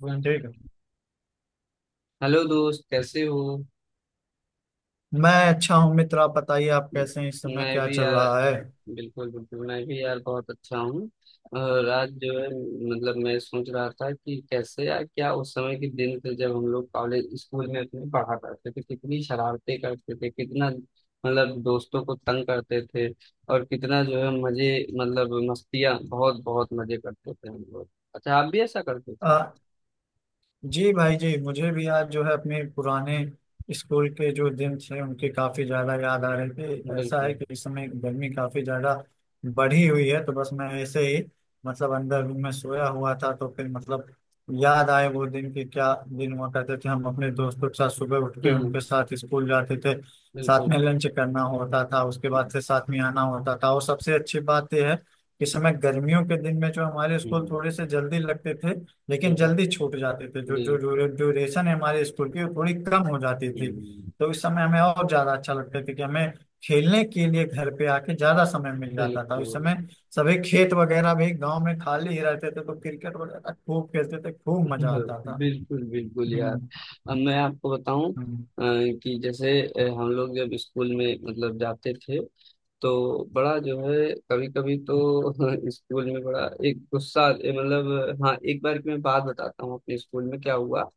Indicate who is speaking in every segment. Speaker 1: One.
Speaker 2: ठीक है।
Speaker 1: Hello दोस्त, कैसे हो?
Speaker 2: मैं अच्छा हूँ मित्र, आप बताइए आप
Speaker 1: म-
Speaker 2: कैसे हैं, इस समय
Speaker 1: मैं
Speaker 2: क्या
Speaker 1: भी
Speaker 2: चल
Speaker 1: यार।
Speaker 2: रहा है?
Speaker 1: बिल्कुल बिल्कुल मैं भी यार, बहुत अच्छा हूँ। और आज जो है मतलब मैं सोच रहा था कि कैसे यार, क्या उस समय के दिन थे जब हम लोग कॉलेज स्कूल में अपने पढ़ा करते थे। कितनी शरारतें करते थे, कितना मतलब दोस्तों को तंग करते थे, और कितना जो है मजे मतलब मस्तियाँ, बहुत बहुत मजे करते थे हम लोग। अच्छा, आप भी ऐसा करते थे?
Speaker 2: आ, जी भाई जी, मुझे भी आज जो है अपने पुराने स्कूल के जो दिन थे उनके काफी ज्यादा याद आ रहे थे। ऐसा है
Speaker 1: बिल्कुल।
Speaker 2: कि इस समय गर्मी काफी ज्यादा बढ़ी हुई है तो बस मैं ऐसे ही मतलब अंदर रूम में सोया हुआ था तो फिर मतलब याद आए वो दिन कि क्या दिन हुआ करते थे। हम अपने दोस्तों के साथ सुबह उठ के
Speaker 1: बिल्कुल।
Speaker 2: उनके साथ स्कूल जाते थे, साथ में
Speaker 1: बिल्कुल।
Speaker 2: लंच करना होता था, उसके बाद से साथ में आना होता था। और सबसे अच्छी बात यह है कि इस समय गर्मियों के दिन में जो हमारे स्कूल
Speaker 1: हम्म,
Speaker 2: थोड़े से जल्दी लगते थे लेकिन
Speaker 1: बिल्कुल।
Speaker 2: जल्दी छूट जाते थे, जो जो जो
Speaker 1: बिल्कुल।
Speaker 2: ड्यूरेशन है हमारे स्कूल की वो थोड़ी कम हो जाती थी।
Speaker 1: हम्म।
Speaker 2: तो इस समय हमें और ज्यादा अच्छा लगता था कि हमें खेलने के लिए घर पे आके ज्यादा समय मिल जाता था। उस
Speaker 1: बिल्कुल।
Speaker 2: समय सभी खेत वगैरह भी गांव में खाली ही रहते थे तो क्रिकेट वगैरह खूब खेलते थे, खूब मजा आता था।
Speaker 1: बिल्कुल बिल्कुल यार।
Speaker 2: हम्म।
Speaker 1: अब मैं आपको बताऊं
Speaker 2: हम्म,
Speaker 1: कि जैसे हम लोग जब स्कूल में मतलब जाते थे तो बड़ा जो है कभी कभी तो स्कूल में बड़ा एक गुस्सा मतलब हाँ, एक बार की मैं बात बताता हूँ अपने स्कूल में क्या हुआ।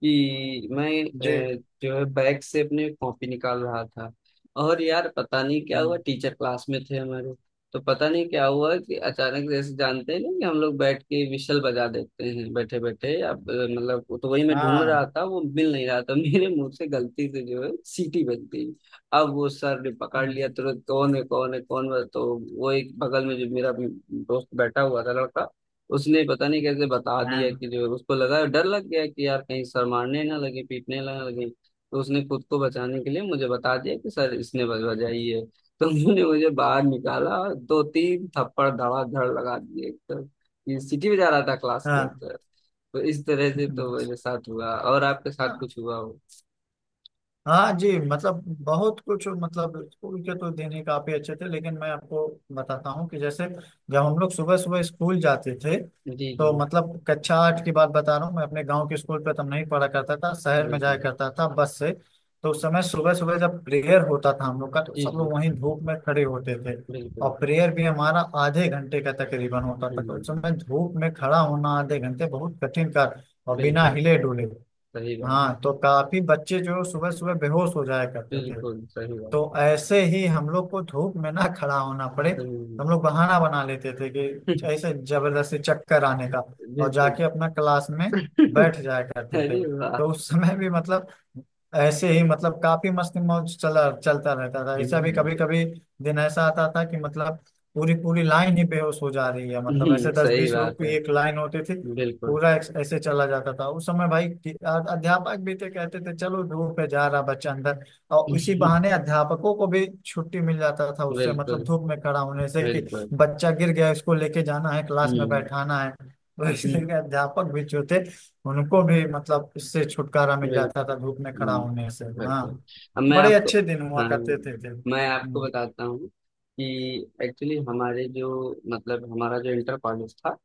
Speaker 1: कि मैं
Speaker 2: जी।
Speaker 1: जो है बैग से अपने कॉपी निकाल रहा था, और यार पता नहीं क्या
Speaker 2: हम्म।
Speaker 1: हुआ, टीचर क्लास में थे हमारे। तो पता नहीं क्या हुआ कि अचानक, जैसे जानते हैं ना कि हम लोग बैठ के विशल बजा देते हैं बैठे बैठे, अब मतलब वो तो वही मैं ढूंढ रहा
Speaker 2: हाँ।
Speaker 1: था, वो मिल नहीं रहा था मेरे मुंह से गलती से जो है सीटी बज गई। अब वो सर ने पकड़ लिया
Speaker 2: हम्म।
Speaker 1: तुरंत, कौन है कौन है कौन है। तो वो एक बगल में जो मेरा दोस्त बैठा हुआ था लड़का, उसने पता नहीं कैसे बता दिया
Speaker 2: हाँ।
Speaker 1: कि जो उसको लगा, डर लग गया कि यार कहीं सर मारने ना लगे पीटने ना लगे, तो उसने खुद को बचाने के लिए मुझे बता दिया कि सर इसने बजाई है। तो उन्होंने मुझे बाहर निकाला और दो तीन थप्पड़ धड़ाधड़ लगा दिए एकदम। ये सीटी बजा रहा था क्लास के
Speaker 2: हाँ।
Speaker 1: अंदर। तो इस तरह से तो मेरे साथ हुआ, और आपके साथ कुछ हुआ हो?
Speaker 2: हाँ जी मतलब बहुत कुछ मतलब स्कूल के तो दिन ही काफी अच्छे थे, लेकिन मैं आपको बताता हूँ कि जैसे जब हम लोग सुबह सुबह स्कूल जाते थे
Speaker 1: जी जी।
Speaker 2: तो मतलब कक्षा आठ की बात बता रहा हूँ। मैं अपने गांव के स्कूल पे तब नहीं पढ़ा करता था, शहर में जाया
Speaker 1: बिल्कुल।
Speaker 2: करता था बस से। तो उस समय सुबह सुबह जब प्रेयर होता था हम लोग का तो
Speaker 1: जी
Speaker 2: सब
Speaker 1: जी।
Speaker 2: लोग वहीं धूप में खड़े होते थे, और
Speaker 1: बिल्कुल।
Speaker 2: प्रेयर भी हमारा आधे घंटे का तकरीबन होता था तो उस
Speaker 1: हम्म।
Speaker 2: समय धूप में खड़ा होना आधे घंटे बहुत कठिन कार्य, और बिना
Speaker 1: बिल्कुल
Speaker 2: हिले डुले।
Speaker 1: सही
Speaker 2: हाँ,
Speaker 1: बात।
Speaker 2: तो काफी बच्चे जो सुबह सुबह बेहोश हो जाया करते थे।
Speaker 1: बिल्कुल सही बात
Speaker 2: तो
Speaker 1: है।
Speaker 2: ऐसे ही हम लोग को धूप में ना खड़ा होना पड़े,
Speaker 1: हम्म।
Speaker 2: हम लोग बहाना बना लेते थे कि ऐसे जबरदस्ती चक्कर आने का, और
Speaker 1: बिल्कुल।
Speaker 2: जाके अपना क्लास में बैठ जाया करते
Speaker 1: अरे
Speaker 2: थे।
Speaker 1: वाह।
Speaker 2: तो उस समय भी मतलब ऐसे ही मतलब काफी मस्ती मौज चला चलता रहता था। ऐसा भी
Speaker 1: हम्म,
Speaker 2: कभी कभी दिन ऐसा आता था कि मतलब पूरी पूरी लाइन ही बेहोश हो जा रही है, मतलब ऐसे दस
Speaker 1: सही
Speaker 2: बीस लोग
Speaker 1: बात
Speaker 2: की
Speaker 1: है।
Speaker 2: एक लाइन होती थी।
Speaker 1: बिल्कुल।
Speaker 2: ऐसे चला जाता था उस समय भाई अध्यापक भी थे कहते थे चलो धूप पे जा रहा बच्चा अंदर, और इसी बहाने अध्यापकों को भी छुट्टी मिल जाता था उससे, मतलब
Speaker 1: बिल्कुल।
Speaker 2: धूप में खड़ा होने से, कि
Speaker 1: बिल्कुल।
Speaker 2: बच्चा गिर गया इसको लेके जाना है क्लास में
Speaker 1: हम्म।
Speaker 2: बैठाना है। तो
Speaker 1: हम्म,
Speaker 2: इसलिए अध्यापक भी जो थे उनको भी मतलब इससे छुटकारा मिल जाता
Speaker 1: बिल्कुल।
Speaker 2: था धूप में खड़ा
Speaker 1: हम्म,
Speaker 2: होने से। हाँ।
Speaker 1: बिल्कुल। अब मैं
Speaker 2: बड़े
Speaker 1: आपको,
Speaker 2: अच्छे दिन हुआ
Speaker 1: हाँ,
Speaker 2: करते थे।
Speaker 1: मैं आपको
Speaker 2: हम्म।
Speaker 1: बताता हूँ कि एक्चुअली हमारे जो मतलब हमारा जो इंटर कॉलेज था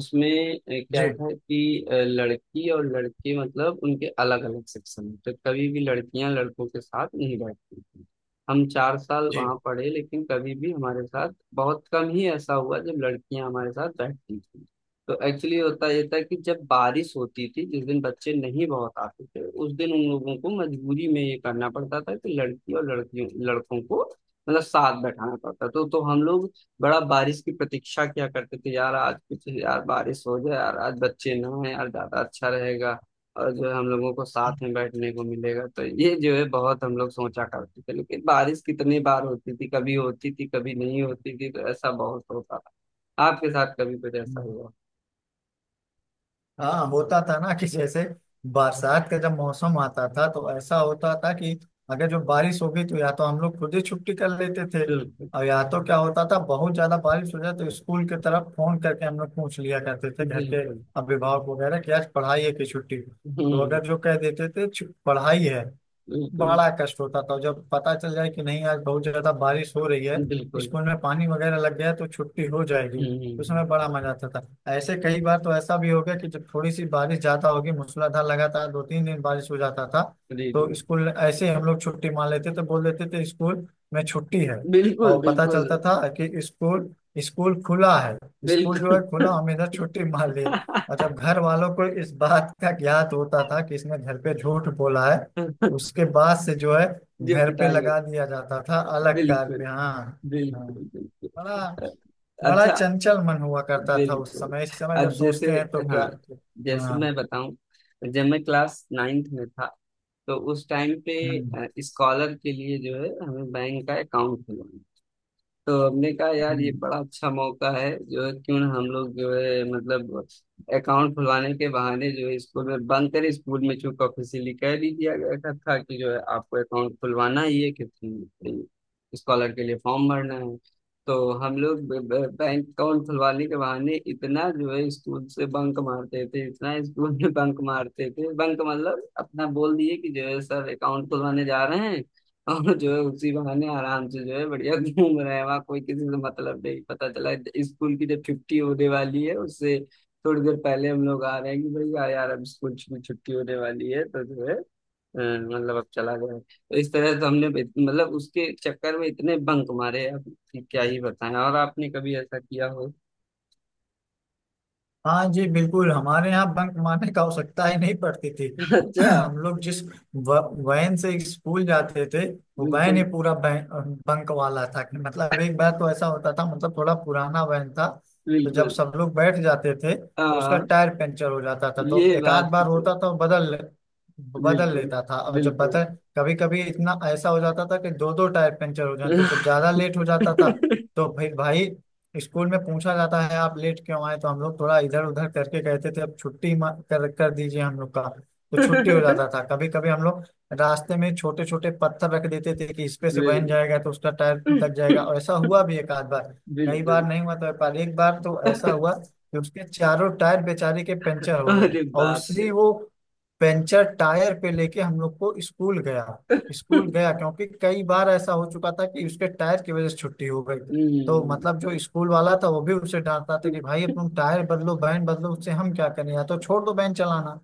Speaker 1: उसमें
Speaker 2: जी
Speaker 1: क्या था कि लड़की और लड़के मतलब उनके अलग अलग सेक्शन में, तो कभी भी लड़कियां लड़कों के साथ नहीं बैठती थी। हम चार साल
Speaker 2: जी।
Speaker 1: वहां पढ़े, लेकिन कभी भी हमारे साथ, बहुत कम ही ऐसा हुआ जब लड़कियां हमारे साथ बैठती थी। तो एक्चुअली होता ये था कि जब बारिश होती थी जिस दिन बच्चे नहीं बहुत आते थे, उस दिन उन लोगों को मजबूरी में ये करना पड़ता था कि लड़की और लड़कियों लड़कों को मतलब साथ बैठाना पड़ता। तो हम लोग बड़ा बारिश की प्रतीक्षा किया करते थे, यार आज कुछ यार बारिश हो जाए यार, आज बच्चे ना आए यार, ज्यादा अच्छा रहेगा और जो है हम लोगों को साथ में बैठने को मिलेगा। तो ये जो है बहुत हम लोग सोचा करते थे, लेकिन बारिश कितनी बार होती थी, कभी होती थी कभी नहीं होती थी, तो ऐसा बहुत होता था। आपके साथ कभी कुछ ऐसा
Speaker 2: हम्म।
Speaker 1: हुआ?
Speaker 2: हाँ, होता था ना कि जैसे बरसात का जब मौसम आता था तो ऐसा होता था कि अगर जो बारिश हो गई तो या तो हम लोग खुद ही छुट्टी कर लेते थे,
Speaker 1: बिल्कुल,
Speaker 2: और या तो क्या होता था बहुत ज्यादा बारिश हो जाए तो स्कूल की तरफ फोन करके हम लोग पूछ लिया करते थे घर के
Speaker 1: बिल्कुल।
Speaker 2: अभिभावक वगैरह कि आज पढ़ाई है कि छुट्टी। तो अगर
Speaker 1: हुँ,
Speaker 2: जो कह देते थे पढ़ाई है,
Speaker 1: बिल्कुल,
Speaker 2: बड़ा कष्ट होता था जब पता चल जाए कि नहीं आज बहुत ज्यादा बारिश हो रही है,
Speaker 1: बिल्कुल।
Speaker 2: स्कूल में पानी वगैरह लग गया तो छुट्टी हो जाएगी, उस
Speaker 1: हुँ,
Speaker 2: समय बड़ा मजा आता था। ऐसे कई बार तो ऐसा भी हो गया कि जब थोड़ी सी बारिश ज्यादा होगी मूसलाधार लगातार दो तीन दिन बारिश हो जाता था तो
Speaker 1: बिल्कुल।
Speaker 2: स्कूल ऐसे ही हम लोग छुट्टी मान लेते थे, बोल देते थे स्कूल में छुट्टी है,
Speaker 1: बिल्कुल,
Speaker 2: और पता
Speaker 1: बिल्कुल,
Speaker 2: चलता था कि स्कूल स्कूल खुला है। स्कूल जो है
Speaker 1: बिल्कुल।
Speaker 2: खुला, हम इधर छुट्टी मान लिए। और जब घर वालों को इस बात का ज्ञात होता था कि इसने घर पे झूठ बोला है, उसके बाद से जो है
Speaker 1: जो
Speaker 2: घर पे
Speaker 1: पिटाई होती।
Speaker 2: लगा दिया जाता था अलग कार
Speaker 1: बिल्कुल,
Speaker 2: पे। हाँ। हाँ।
Speaker 1: बिल्कुल, बिल्कुल।
Speaker 2: बड़ा बड़ा
Speaker 1: अच्छा।
Speaker 2: चंचल मन हुआ करता था उस
Speaker 1: बिल्कुल।
Speaker 2: समय, इस समय जब
Speaker 1: अब जैसे,
Speaker 2: सोचते हैं तो क्या!
Speaker 1: हाँ, जैसे
Speaker 2: हाँ।
Speaker 1: मैं बताऊँ, जब मैं क्लास 9th में था, तो उस टाइम पे
Speaker 2: हम्म।
Speaker 1: स्कॉलर के लिए जो है हमें बैंक का अकाउंट खुलवाना। तो हमने कहा यार ये
Speaker 2: हम्म।
Speaker 1: बड़ा अच्छा मौका है जो है, क्यों ना हम लोग जो है मतलब अकाउंट खुलवाने के बहाने जो है स्कूल में बंद करें। स्कूल में चूंकि ऑफिशियली कह भी दिया गया था कि जो है आपको अकाउंट खुलवाना ही है, कि स्कॉलर के लिए फॉर्म भरना है। तो हम लोग बैंक अकाउंट खुलवाने के बहाने इतना जो है स्कूल से बंक मारते थे, इतना स्कूल में बंक मारते थे। बंक मतलब अपना बोल दिए कि जो है सर अकाउंट खुलवाने जा रहे हैं, और जो है उसी बहाने आराम से जो है बढ़िया घूम रहे हैं। वहाँ कोई किसी से मतलब नहीं पता चला। स्कूल की जब छुट्टी होने वाली है उससे थोड़ी देर पहले हम लोग आ रहे हैं कि भाई यार यार अब स्कूल की छुट्टी होने वाली है तो जो है मतलब अब चला गया। तो इस तरह से हमने मतलब उसके चक्कर में इतने बंक मारे अब, कि क्या ही बताएं। और आपने कभी ऐसा किया हो?
Speaker 2: हाँ जी बिल्कुल, हमारे यहाँ बंक मारने का आवश्यकता ही नहीं पड़ती थी।
Speaker 1: अच्छा।
Speaker 2: हम लोग जिस व- वैन से स्कूल जाते थे वो वैन ही
Speaker 1: बिल्कुल।
Speaker 2: पूरा बंक वाला था कि मतलब एक बार तो ऐसा होता था, मतलब थोड़ा पुराना वैन था तो जब
Speaker 1: बिल्कुल।
Speaker 2: सब लोग बैठ जाते थे तो उसका
Speaker 1: हाँ
Speaker 2: टायर पंचर हो जाता था। तो
Speaker 1: ये
Speaker 2: एक आध
Speaker 1: बात
Speaker 2: बार
Speaker 1: तो।
Speaker 2: होता था, बदल बदल
Speaker 1: बिल्कुल।
Speaker 2: लेता था, और जब
Speaker 1: बिल्कुल।
Speaker 2: बदल कभी कभी इतना ऐसा हो जाता था कि दो दो टायर पंचर हो जाते तो जब ज्यादा लेट हो जाता था तो फिर भाई स्कूल में पूछा जाता है आप लेट क्यों आए, तो हम लोग थोड़ा इधर उधर करके कहते थे तो अब छुट्टी कर दीजिए हम लोग का, तो छुट्टी हो जाता था। कभी कभी हम लोग रास्ते में छोटे छोटे पत्थर रख देते थे कि इस पे से बहन
Speaker 1: बिल्कुल।
Speaker 2: जाएगा तो उसका टायर दब जाएगा, और ऐसा हुआ भी एक आध बार। कई बार
Speaker 1: बिल्कुल।
Speaker 2: नहीं हुआ, तो एक बार, एक बार तो ऐसा हुआ कि उसके चारों टायर बेचारे के पंचर हो गए,
Speaker 1: अरे
Speaker 2: और
Speaker 1: बाप रे।
Speaker 2: उसी वो पंचर टायर पे लेके हम लोग को स्कूल गया। स्कूल गया क्योंकि कई बार ऐसा हो चुका था कि उसके टायर की वजह से छुट्टी हो गई, तो
Speaker 1: हम्म,
Speaker 2: मतलब जो स्कूल वाला था वो भी उसे डांटता था कि भाई तुम टायर बदलो बैंड बदलो, उससे हम क्या करें, या तो छोड़ दो बैंड चलाना।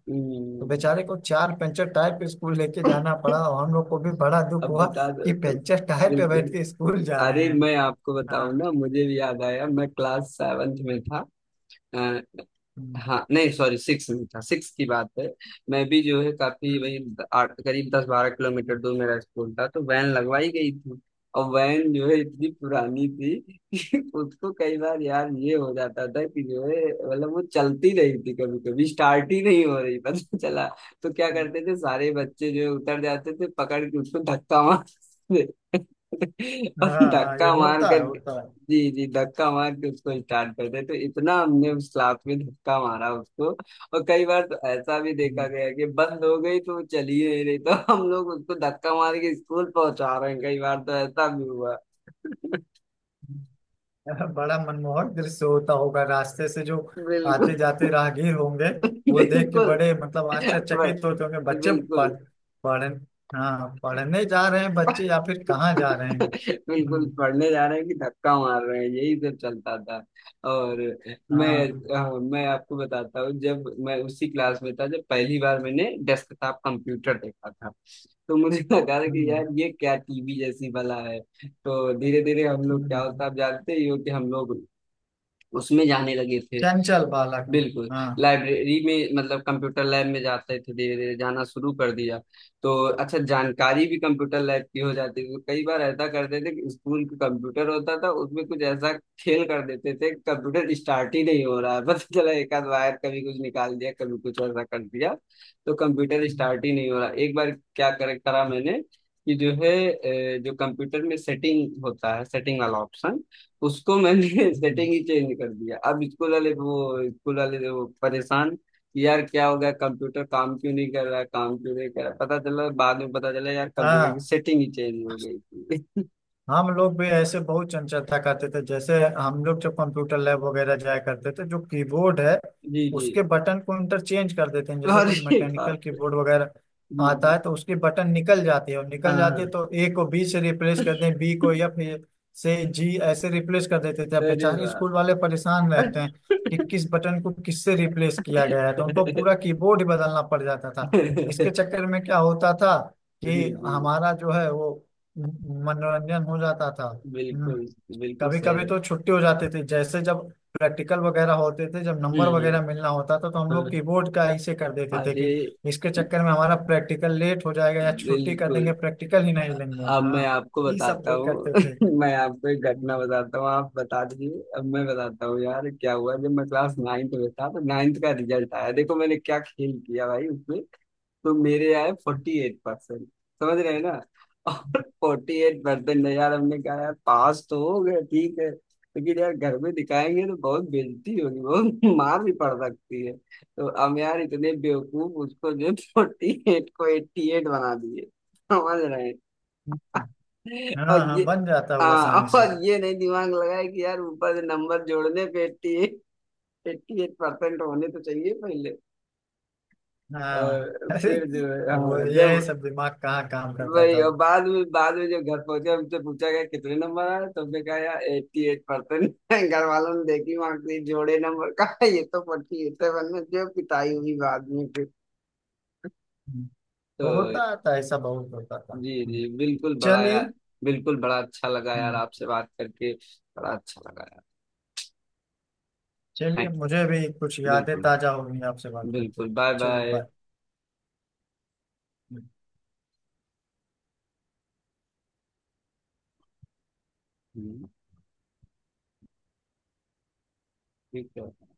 Speaker 2: तो
Speaker 1: हम्म,
Speaker 2: बेचारे को चार पंचर टायर पे स्कूल लेके जाना पड़ा, और हम लोग को भी बड़ा दुख
Speaker 1: अब
Speaker 2: हुआ
Speaker 1: बता
Speaker 2: कि
Speaker 1: दो।
Speaker 2: पंचर टायर पे बैठ
Speaker 1: बिल्कुल।
Speaker 2: के स्कूल जा रहे
Speaker 1: अरे
Speaker 2: हैं।
Speaker 1: मैं आपको बताऊं
Speaker 2: हाँ।
Speaker 1: ना, मुझे भी याद आया, मैं क्लास सेवेंथ में था।
Speaker 2: हम्म।
Speaker 1: हाँ नहीं सॉरी, सिक्स नहीं था, सिक्स की बात है। मैं भी जो है काफी
Speaker 2: हम्म।
Speaker 1: वही आठ करीब 10-12 किलोमीटर दूर मेरा स्कूल था, तो वैन लगवाई गई थी। और वैन जो है इतनी पुरानी थी कि उसको कई बार यार ये हो जाता था कि जो है मतलब वो चलती नहीं थी, कभी कभी स्टार्ट ही नहीं हो रही पता चला। तो क्या
Speaker 2: हम्म।
Speaker 1: करते थे, सारे बच्चे जो है उतर जाते थे पकड़ के उसको धक्का मारते थे। और
Speaker 2: हम्म। हाँ हाँ, ये
Speaker 1: धक्का मार
Speaker 2: होता
Speaker 1: कर,
Speaker 2: है होता है।
Speaker 1: जी जी, धक्का मार के उसको स्टार्ट करते। तो इतना हमने उस क्लास में धक्का मारा उसको, और कई बार तो ऐसा भी देखा
Speaker 2: हम्म।
Speaker 1: गया कि बंद हो गई तो चलिए नहीं रही, तो हम लोग उसको धक्का मार के स्कूल पहुंचा रहे हैं, कई बार तो ऐसा भी हुआ।
Speaker 2: हम्म। बड़ा मनमोहक दृश्य होता होगा, रास्ते से जो आते
Speaker 1: बिल्कुल।
Speaker 2: जाते राहगीर होंगे वो देख के
Speaker 1: बिल्कुल।
Speaker 2: बड़े मतलब आश्चर्यचकित
Speaker 1: बड़-
Speaker 2: होते होंगे, बच्चे पढ़
Speaker 1: बिल्कुल।
Speaker 2: पढ़ हाँ, पढ़ने जा रहे हैं बच्चे या फिर कहाँ जा रहे हैं।
Speaker 1: बिल्कुल
Speaker 2: हम्म।
Speaker 1: पढ़ने जा रहे हैं कि धक्का मार रहे हैं, यही सब चलता था। और मैं,
Speaker 2: हाँ।
Speaker 1: मैं आपको बताता हूँ, जब मैं उसी क्लास में था जब पहली बार मैंने डेस्कटॉप कंप्यूटर देखा था, तो मुझे लगा था कि
Speaker 2: हम्म।
Speaker 1: यार ये क्या टीवी जैसी भला है। तो धीरे धीरे हम लोग, क्या
Speaker 2: हम्म।
Speaker 1: होता आप जानते ही हो, कि हम लोग उसमें जाने लगे थे।
Speaker 2: चंचल बालक।
Speaker 1: बिल्कुल।
Speaker 2: हाँ।
Speaker 1: लाइब्रेरी में मतलब कंप्यूटर लैब में जाते थे, धीरे धीरे जाना शुरू कर दिया। तो अच्छा जानकारी भी कंप्यूटर लैब की हो जाती थी। कई बार ऐसा करते थे कि स्कूल का कंप्यूटर होता था उसमें कुछ ऐसा खेल कर देते थे, कंप्यूटर स्टार्ट ही नहीं हो रहा है पता चला एक आध वायर कभी कुछ निकाल दिया, कभी कुछ ऐसा कर दिया। तो कंप्यूटर स्टार्ट
Speaker 2: हम्म।
Speaker 1: ही नहीं हो रहा एक बार। क्या कर करा मैंने कि जो है जो कंप्यूटर में सेटिंग होता है, सेटिंग वाला ऑप्शन, उसको मैंने
Speaker 2: हम्म।
Speaker 1: सेटिंग ही चेंज कर दिया। अब स्कूल वाले वो परेशान कि यार क्या हो गया, कंप्यूटर काम क्यों नहीं कर रहा, काम क्यों नहीं कर रहा। पता चला बाद में, पता चला यार कंप्यूटर की
Speaker 2: हाँ,
Speaker 1: सेटिंग ही चेंज हो गई थी।
Speaker 2: हम लोग भी ऐसे बहुत चंचलता करते थे, जैसे हम लोग जब कंप्यूटर लैब वगैरह जाया करते थे जो कीबोर्ड है
Speaker 1: जी जी।
Speaker 2: उसके बटन को इंटरचेंज कर देते हैं। जैसे कुछ
Speaker 1: अरे
Speaker 2: मैकेनिकल
Speaker 1: बाप रे।
Speaker 2: कीबोर्ड वगैरह
Speaker 1: जी
Speaker 2: आता
Speaker 1: जी।
Speaker 2: है तो उसकी बटन निकल जाती है, और
Speaker 1: हाँ
Speaker 2: निकल जाती है
Speaker 1: हाँ।
Speaker 2: तो ए को बी से रिप्लेस कर दें, बी को एफ से, जी, ऐसे रिप्लेस कर देते थे। अब
Speaker 1: अरे
Speaker 2: बेचारे
Speaker 1: वाह।
Speaker 2: स्कूल वाले परेशान रहते हैं कि किस बटन को किससे रिप्लेस किया गया है, तो उनको पूरा कीबोर्ड ही बदलना पड़ जाता था। इसके चक्कर में क्या होता था
Speaker 1: जी
Speaker 2: कि
Speaker 1: जी।
Speaker 2: हमारा जो है वो मनोरंजन हो जाता था। हम्म।
Speaker 1: बिल्कुल। बिल्कुल
Speaker 2: कभी
Speaker 1: सही
Speaker 2: कभी
Speaker 1: है।
Speaker 2: तो छुट्टी हो जाती थी, जैसे जब प्रैक्टिकल वगैरह होते थे जब नंबर
Speaker 1: हम्म।
Speaker 2: वगैरह
Speaker 1: हम्म।
Speaker 2: मिलना होता था तो हम लोग
Speaker 1: हाँ।
Speaker 2: कीबोर्ड का ऐसे कर देते थे
Speaker 1: अरे
Speaker 2: कि इसके चक्कर में हमारा प्रैक्टिकल लेट हो जाएगा, या छुट्टी कर
Speaker 1: बिल्कुल।
Speaker 2: देंगे प्रैक्टिकल ही नहीं लेंगे।
Speaker 1: अब मैं
Speaker 2: हाँ,
Speaker 1: आपको
Speaker 2: ये सब
Speaker 1: बताता
Speaker 2: भी
Speaker 1: हूँ,
Speaker 2: करते थे।
Speaker 1: मैं आपको एक घटना
Speaker 2: हम्म।
Speaker 1: बताता हूँ, आप बता दीजिए। अब मैं बताता हूँ यार क्या हुआ जब मैं क्लास नाइन्थ में था, तो नाइन्थ का रिजल्ट आया, देखो मैंने क्या खेल किया भाई उसमें। तो मेरे आए 48%, समझ रहे हैं ना? और 48%, यार हमने कहा यार पास तो हो गए, ठीक है, लेकिन यार घर में दिखाएंगे तो बहुत बेइज्जती होगी, बहुत मार भी पड़ सकती है। तो हम यार इतने बेवकूफ, उसको जो 48 को 88 बना दिए। समझ रहे हैं? और
Speaker 2: हाँ
Speaker 1: ये,
Speaker 2: हाँ, बन जाता हुआ
Speaker 1: हाँ,
Speaker 2: आसानी से।
Speaker 1: और ये नहीं दिमाग लगाए कि यार ऊपर से नंबर जोड़ने पे 88, एट्टी एट परसेंट होने तो चाहिए पहले।
Speaker 2: हाँ
Speaker 1: और
Speaker 2: अरे
Speaker 1: फिर जो है
Speaker 2: वो
Speaker 1: हाँ
Speaker 2: ये
Speaker 1: जब
Speaker 2: सब दिमाग कहाँ काम करता
Speaker 1: वही,
Speaker 2: था।
Speaker 1: और बाद में जब घर पहुंचे, हमसे पूछा गया कितने नंबर आए, तो हमने कहा यार 88%। घर वालों ने देखी मार्क्सिट, जोड़े नंबर, कहा ये तो 48 है। जो पिटाई हुई बाद में फिर।
Speaker 2: हम्म,
Speaker 1: तो
Speaker 2: होता था, ऐसा बहुत होता था।
Speaker 1: जी जी
Speaker 2: हम्म।
Speaker 1: बिल्कुल। बड़ा
Speaker 2: चलिए।
Speaker 1: यार, बिल्कुल, बड़ा अच्छा लगा यार
Speaker 2: हम्म।
Speaker 1: आपसे बात करके, बड़ा अच्छा लगा यार।
Speaker 2: चलिए,
Speaker 1: थैंक।
Speaker 2: मुझे भी कुछ यादें
Speaker 1: बिल्कुल।
Speaker 2: ताजा हो गई आपसे बात करके।
Speaker 1: बिल्कुल, बाय
Speaker 2: चलिए,
Speaker 1: बाय।
Speaker 2: बाय।
Speaker 1: ठीक है।